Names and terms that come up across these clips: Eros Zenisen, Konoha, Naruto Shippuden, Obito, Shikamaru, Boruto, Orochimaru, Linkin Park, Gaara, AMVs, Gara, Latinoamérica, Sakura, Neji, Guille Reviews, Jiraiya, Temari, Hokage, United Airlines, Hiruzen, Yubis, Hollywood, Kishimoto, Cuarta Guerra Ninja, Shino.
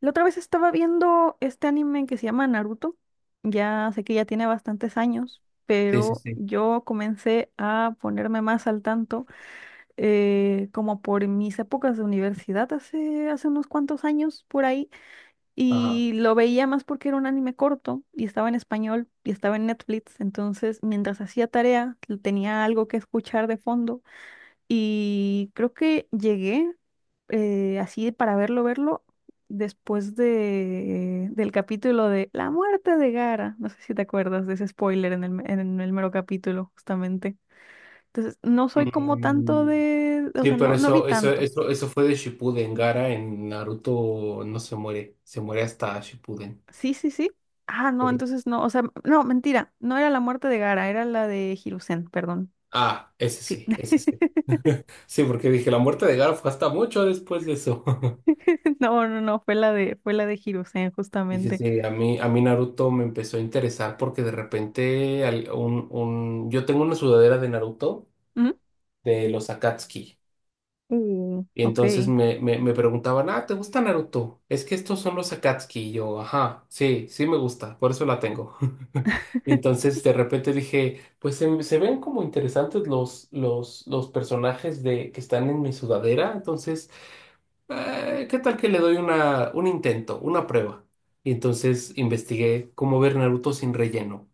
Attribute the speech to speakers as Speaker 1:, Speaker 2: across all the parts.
Speaker 1: La otra vez estaba viendo este anime que se llama Naruto. Ya sé que ya tiene bastantes años,
Speaker 2: Sí, sí,
Speaker 1: pero
Speaker 2: sí.
Speaker 1: yo comencé a ponerme más al tanto como por mis épocas de universidad hace unos cuantos años por ahí.
Speaker 2: Ajá.
Speaker 1: Y lo veía más porque era un anime corto y estaba en español y estaba en Netflix. Entonces, mientras hacía tarea, tenía algo que escuchar de fondo y creo que llegué así para verlo, verlo, después del capítulo de La muerte de Gara. No sé si te acuerdas de ese spoiler en el mero capítulo, justamente. Entonces, no soy como tanto
Speaker 2: Mm,
Speaker 1: o
Speaker 2: sí,
Speaker 1: sea,
Speaker 2: pero
Speaker 1: no, no vi
Speaker 2: eso, eso,
Speaker 1: tanto.
Speaker 2: eso, eso fue de Shippuden. Gara en Naruto no se muere, se muere hasta Shippuden.
Speaker 1: Sí, sí, sí. Ah, no,
Speaker 2: Sí.
Speaker 1: entonces no, o sea, no, mentira, no era la muerte de Gara, era la de Hiruzen, perdón.
Speaker 2: Ah, ese
Speaker 1: Sí.
Speaker 2: sí, ese sí. Sí, porque dije, la muerte de Gara fue hasta mucho después de eso.
Speaker 1: No, no, no, fue la de Hiruzen,
Speaker 2: Sí, sí,
Speaker 1: justamente.
Speaker 2: sí, a mí Naruto me empezó a interesar porque de repente yo tengo una sudadera de Naruto
Speaker 1: Ujú.
Speaker 2: de los Akatsuki. Y
Speaker 1: Ok.
Speaker 2: entonces me preguntaban, ah, ¿te gusta Naruto? Es que estos son los Akatsuki. Y yo, ajá, sí, sí me gusta, por eso la tengo. Y entonces de repente dije, pues se ven como interesantes los personajes que están en mi sudadera. Entonces, ¿qué tal que le doy un intento, una prueba? Y entonces investigué cómo ver Naruto sin relleno.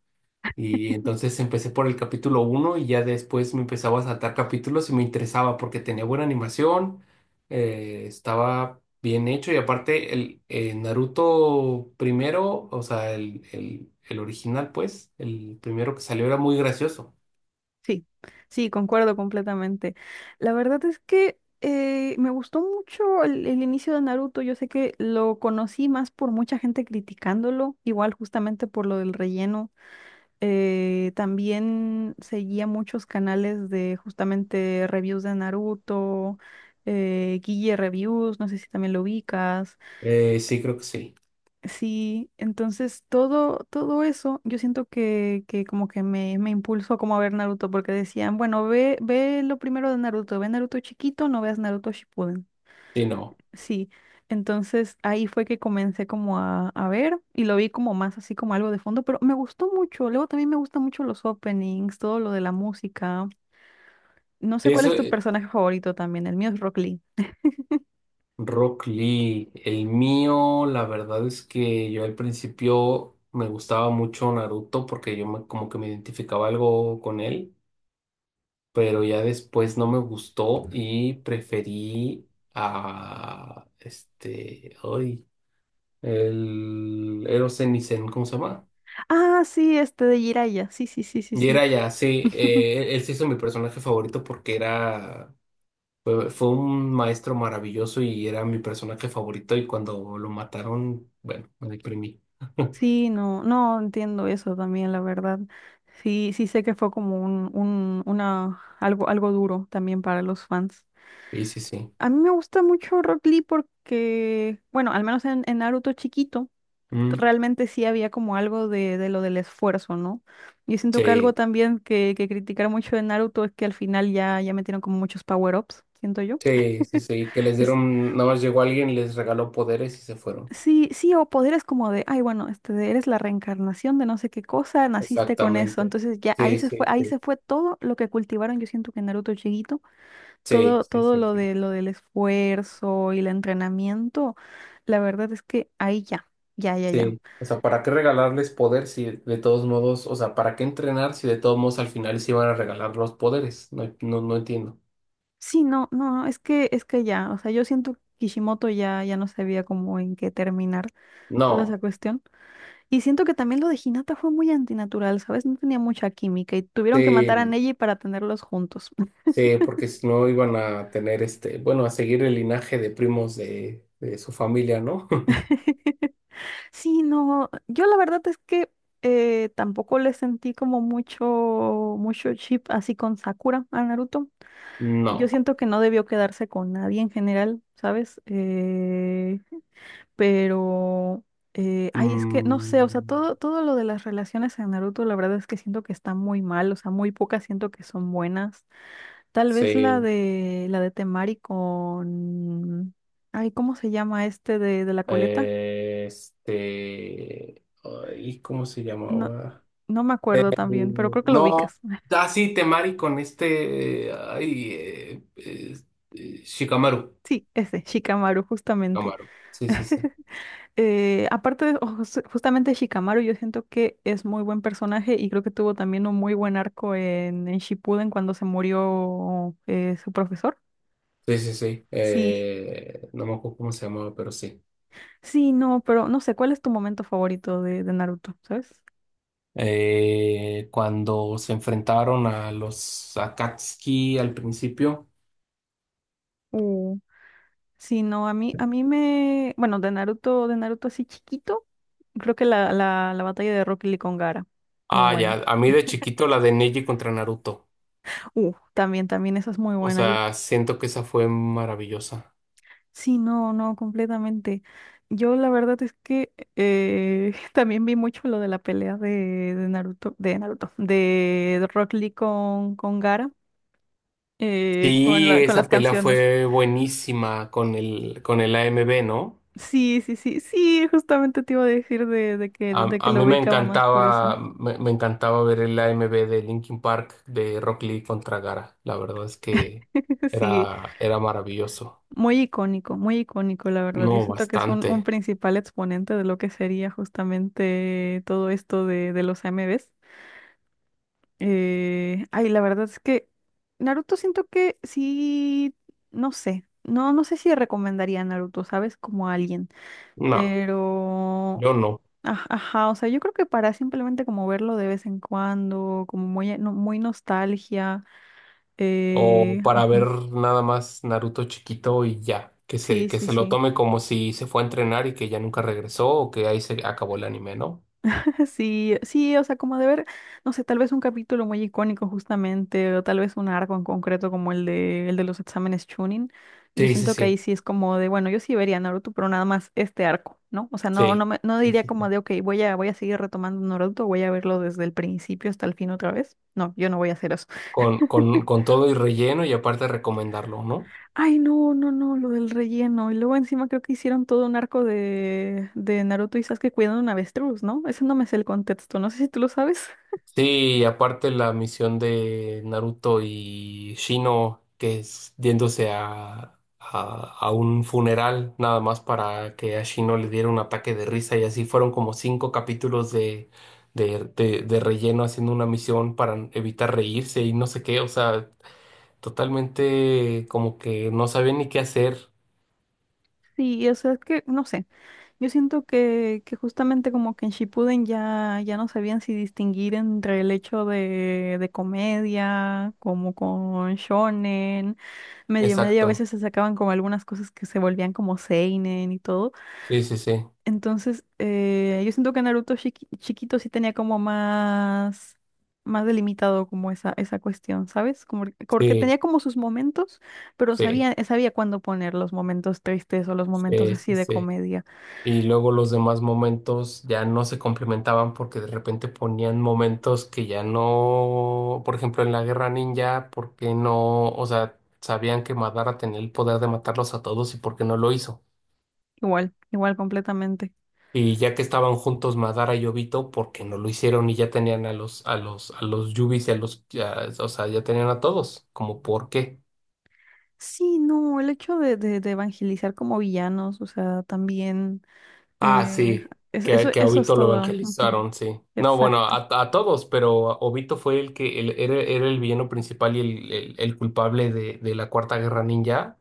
Speaker 2: Y entonces empecé por el capítulo uno y ya después me empezaba a saltar capítulos y me interesaba porque tenía buena animación, estaba bien hecho y aparte el Naruto primero, o sea, el original pues, el primero que salió era muy gracioso.
Speaker 1: Sí, sí, concuerdo completamente. La verdad es que me gustó mucho el inicio de Naruto. Yo sé que lo conocí más por mucha gente criticándolo, igual justamente por lo del relleno. También seguía muchos canales de justamente reviews de Naruto, Guille Reviews, no sé si también lo ubicas.
Speaker 2: Sí, creo que sí.
Speaker 1: Sí, entonces todo eso, yo siento que como que me impulsó como a ver Naruto, porque decían, bueno, ve, ve lo primero de Naruto, ve Naruto chiquito, no veas Naruto Shippuden.
Speaker 2: Sí, no.
Speaker 1: Sí, entonces ahí fue que comencé como a ver y lo vi como más así como algo de fondo, pero me gustó mucho. Luego también me gustan mucho los openings, todo lo de la música. No sé cuál
Speaker 2: Eso,
Speaker 1: es tu personaje favorito también, el mío es Rock Lee.
Speaker 2: Rock Lee, el mío, la verdad es que yo al principio me gustaba mucho Naruto porque como que me identificaba algo con él. Pero ya después no me gustó y preferí a este, hoy, el Eros Zenisen, ¿cómo se llama?
Speaker 1: Ah, sí, este de Jiraiya, sí, sí, sí,
Speaker 2: Y
Speaker 1: sí,
Speaker 2: era ya, sí,
Speaker 1: sí.
Speaker 2: él se hizo mi personaje favorito porque era, fue un maestro maravilloso y era mi personaje favorito y cuando lo mataron, bueno, me deprimí.
Speaker 1: Sí, no, no entiendo eso también, la verdad. Sí, sí sé que fue como una, algo duro también para los fans.
Speaker 2: Y sí, sí.
Speaker 1: A mí me gusta mucho Rock Lee porque, bueno, al menos en Naruto chiquito,
Speaker 2: Mm,
Speaker 1: realmente sí había como algo de lo del esfuerzo, ¿no? Yo siento que algo
Speaker 2: sí,
Speaker 1: también que criticar mucho de Naruto es que al final ya, ya metieron como muchos power-ups, siento yo.
Speaker 2: sí, sí, sí, que les dieron, nada más llegó alguien, les regaló poderes y se fueron.
Speaker 1: Sí, sí, o poderes como de, ay, bueno, este, eres la reencarnación de no sé qué cosa, naciste con eso.
Speaker 2: Exactamente.
Speaker 1: Entonces ya
Speaker 2: Sí, sí,
Speaker 1: ahí
Speaker 2: sí.
Speaker 1: se fue todo lo que cultivaron, yo siento que en Naruto chiquito,
Speaker 2: Sí,
Speaker 1: todo,
Speaker 2: sí,
Speaker 1: todo
Speaker 2: sí,
Speaker 1: lo
Speaker 2: sí.
Speaker 1: de lo del esfuerzo y el entrenamiento, la verdad es que ahí ya, ya, ya, ya.
Speaker 2: Sí. O sea, ¿para qué regalarles poder si de todos modos, o sea, ¿para qué entrenar si de todos modos al final se iban a regalar los poderes? No, no, no entiendo.
Speaker 1: Sí, no, no, no, es que ya, o sea, yo siento que Kishimoto ya, ya no sabía cómo en qué terminar toda
Speaker 2: No,
Speaker 1: esa cuestión. Y siento que también lo de Hinata fue muy antinatural, ¿sabes? No tenía mucha química y tuvieron que
Speaker 2: sí,
Speaker 1: matar a
Speaker 2: no.
Speaker 1: Neji para tenerlos juntos.
Speaker 2: Sí, porque si no iban a tener este, bueno, a seguir el linaje de primos de su familia, ¿no?
Speaker 1: Sí, no, yo la verdad es que tampoco le sentí como mucho, mucho chip así con Sakura a Naruto. Yo
Speaker 2: No.
Speaker 1: siento que no debió quedarse con nadie en general, ¿sabes? Pero, ay, es que no sé, o sea,
Speaker 2: Mm,
Speaker 1: todo lo de las relaciones en Naruto, la verdad es que siento que está muy mal, o sea, muy pocas siento que son buenas. Tal vez la
Speaker 2: sí.
Speaker 1: de, la de Temari con, ay, ¿cómo se llama este de la coleta?
Speaker 2: ¿Cómo se
Speaker 1: no
Speaker 2: llamaba?
Speaker 1: No me acuerdo también, pero creo que lo
Speaker 2: No,
Speaker 1: ubicas.
Speaker 2: así Temari con este, Shikamaru.
Speaker 1: Sí, ese, Shikamaru, justamente.
Speaker 2: Shikamaru. Sí, sí, sí.
Speaker 1: Aparte justamente Shikamaru, yo siento que es muy buen personaje y creo que tuvo también un muy buen arco en Shippuden cuando se murió su profesor.
Speaker 2: Sí, sí, sí.
Speaker 1: Sí,
Speaker 2: No me acuerdo cómo se llamaba, pero sí.
Speaker 1: sí, no, pero no sé, ¿cuál es tu momento favorito de Naruto, sabes?
Speaker 2: Cuando se enfrentaron a los Akatsuki al principio.
Speaker 1: Uh, sí, no, a mí me, bueno, de Naruto así chiquito, creo que la batalla de Rock Lee con Gaara, muy
Speaker 2: Ah,
Speaker 1: buena.
Speaker 2: ya. A mí de chiquito la de Neji contra Naruto.
Speaker 1: También, esa es muy
Speaker 2: O
Speaker 1: buena.
Speaker 2: sea, siento que esa fue maravillosa.
Speaker 1: Sí, no, no, completamente. Yo la verdad es que también vi mucho lo de la pelea de Rock Lee con Gaara,
Speaker 2: Sí,
Speaker 1: con las
Speaker 2: esa pelea
Speaker 1: canciones.
Speaker 2: fue buenísima con con el AMB, ¿no?
Speaker 1: Sí, sí, sí, sí, justamente te iba a decir de, de que, de que
Speaker 2: A
Speaker 1: lo
Speaker 2: mí me
Speaker 1: ubicaba más por eso.
Speaker 2: encantaba, me encantaba ver el AMB de Linkin Park de Rock Lee contra Gara. La verdad es que
Speaker 1: Sí,
Speaker 2: era, era maravilloso.
Speaker 1: muy icónico, la verdad. Yo
Speaker 2: No,
Speaker 1: siento que es un
Speaker 2: bastante.
Speaker 1: principal exponente de lo que sería justamente todo esto de los A M AMVs. Ay, la verdad es que Naruto siento que sí, no sé si recomendaría a Naruto, ¿sabes? Como a alguien,
Speaker 2: No,
Speaker 1: pero,
Speaker 2: yo no.
Speaker 1: ajá, o sea, yo creo que para simplemente como verlo de vez en cuando, como muy, no- muy nostalgia,
Speaker 2: O para ver
Speaker 1: ujú,
Speaker 2: nada más Naruto chiquito y ya.
Speaker 1: sí,
Speaker 2: Que
Speaker 1: sí,
Speaker 2: se lo
Speaker 1: sí.
Speaker 2: tome como si se fue a entrenar y que ya nunca regresó o que ahí se acabó el anime, ¿no?
Speaker 1: Sí, sí, o sea, como de ver, no sé, tal vez un capítulo muy icónico justamente, o tal vez un arco en concreto como el de los exámenes Chunin. Yo
Speaker 2: Sí, sí,
Speaker 1: siento que ahí
Speaker 2: sí.
Speaker 1: sí es como de, bueno, yo sí vería Naruto, pero nada más este arco, ¿no? O sea, no,
Speaker 2: Sí.
Speaker 1: no
Speaker 2: Sí,
Speaker 1: diría
Speaker 2: sí, sí.
Speaker 1: como de, ok, voy a seguir retomando Naruto, voy a verlo desde el principio hasta el fin otra vez. No, yo no voy a hacer eso.
Speaker 2: Con todo y relleno y aparte recomendarlo, ¿no?
Speaker 1: Ay, no, no, no, lo del relleno. Y luego encima creo que hicieron todo un arco de Naruto y Sasuke cuidando un avestruz, ¿no? Ese no me sé el contexto, no sé si tú lo sabes.
Speaker 2: Sí, y aparte la misión de Naruto y Shino, que es yéndose a un funeral, nada más para que a Shino le diera un ataque de risa, y así fueron como cinco capítulos de relleno haciendo una misión para evitar reírse y no sé qué, o sea, totalmente como que no sabía ni qué hacer.
Speaker 1: Sí, o sea, es que, no sé. Yo siento que justamente como que en Shippuden ya, ya no sabían si distinguir entre el hecho de comedia, como con shonen, medio medio a
Speaker 2: Exacto.
Speaker 1: veces se sacaban como algunas cosas que se volvían como seinen y todo.
Speaker 2: Sí, sí, sí.
Speaker 1: Entonces, yo siento que Naruto chiquito sí tenía como más delimitado como esa cuestión, ¿sabes? Como, porque
Speaker 2: Sí,
Speaker 1: tenía como sus momentos, pero
Speaker 2: sí,
Speaker 1: sabía cuándo poner los momentos tristes o los momentos
Speaker 2: sí,
Speaker 1: así
Speaker 2: sí,
Speaker 1: de
Speaker 2: sí.
Speaker 1: comedia.
Speaker 2: Y luego los demás momentos ya no se complementaban porque de repente ponían momentos que ya no, por ejemplo, en la guerra ninja, ¿por qué no? O sea, sabían que Madara tenía el poder de matarlos a todos y por qué no lo hizo.
Speaker 1: Igual, igual completamente.
Speaker 2: Y ya que estaban juntos Madara y Obito, ¿por qué no lo hicieron? Y ya tenían a los, a los, a los Yubis y a los, ya- o sea, ya tenían a todos, como por qué.
Speaker 1: Sí, no, el hecho de evangelizar como villanos, o sea, también
Speaker 2: Ah,
Speaker 1: eh,
Speaker 2: sí, que a
Speaker 1: eso es
Speaker 2: Obito lo
Speaker 1: todo. Ujú.
Speaker 2: evangelizaron, sí. No, bueno,
Speaker 1: Exacto.
Speaker 2: a todos, pero Obito fue el que era, era el villano principal y el culpable de la Cuarta Guerra Ninja.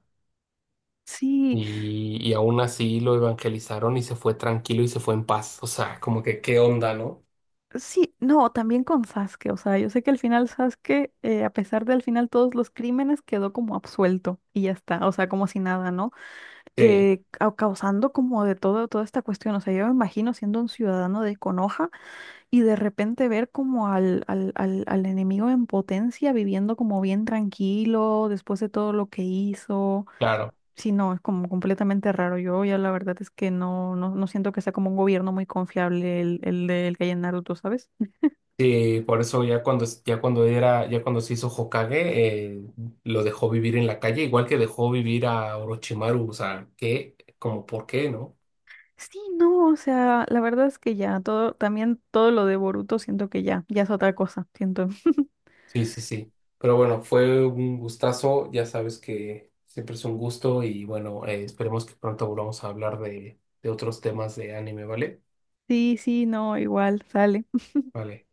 Speaker 1: Sí,
Speaker 2: Y aún así lo evangelizaron y se fue tranquilo y se fue en paz. O sea, como que qué onda, ¿no?
Speaker 1: sí, no, también con Sasuke, o sea, yo sé que al final Sasuke, a pesar del final todos los crímenes, quedó como absuelto y ya está, o sea, como si nada, ¿no?
Speaker 2: Sí,
Speaker 1: Causando como de todo, toda esta cuestión, o sea, yo me imagino siendo un ciudadano de Konoha. Y de repente ver como al enemigo en potencia viviendo como bien tranquilo después de todo lo que hizo.
Speaker 2: claro.
Speaker 1: Sí, no, es como completamente raro. Yo ya la verdad es que no, no, no siento que sea como un gobierno muy confiable el que hay en Naruto, ¿sabes?
Speaker 2: Sí, por eso ya cuando se hizo Hokage, lo dejó vivir en la calle, igual que dejó vivir a Orochimaru. O sea, ¿qué? Como, ¿por qué, no?
Speaker 1: Sí, no, o sea, la verdad es que ya, todo, también todo lo de Boruto siento que ya, ya es otra cosa, siento.
Speaker 2: Sí, sí, sí. Pero bueno, fue un gustazo. Ya sabes que siempre es un gusto y bueno, esperemos que pronto volvamos a hablar de otros temas de anime, ¿vale?
Speaker 1: Sí, sí, no, igual, sale.
Speaker 2: Vale.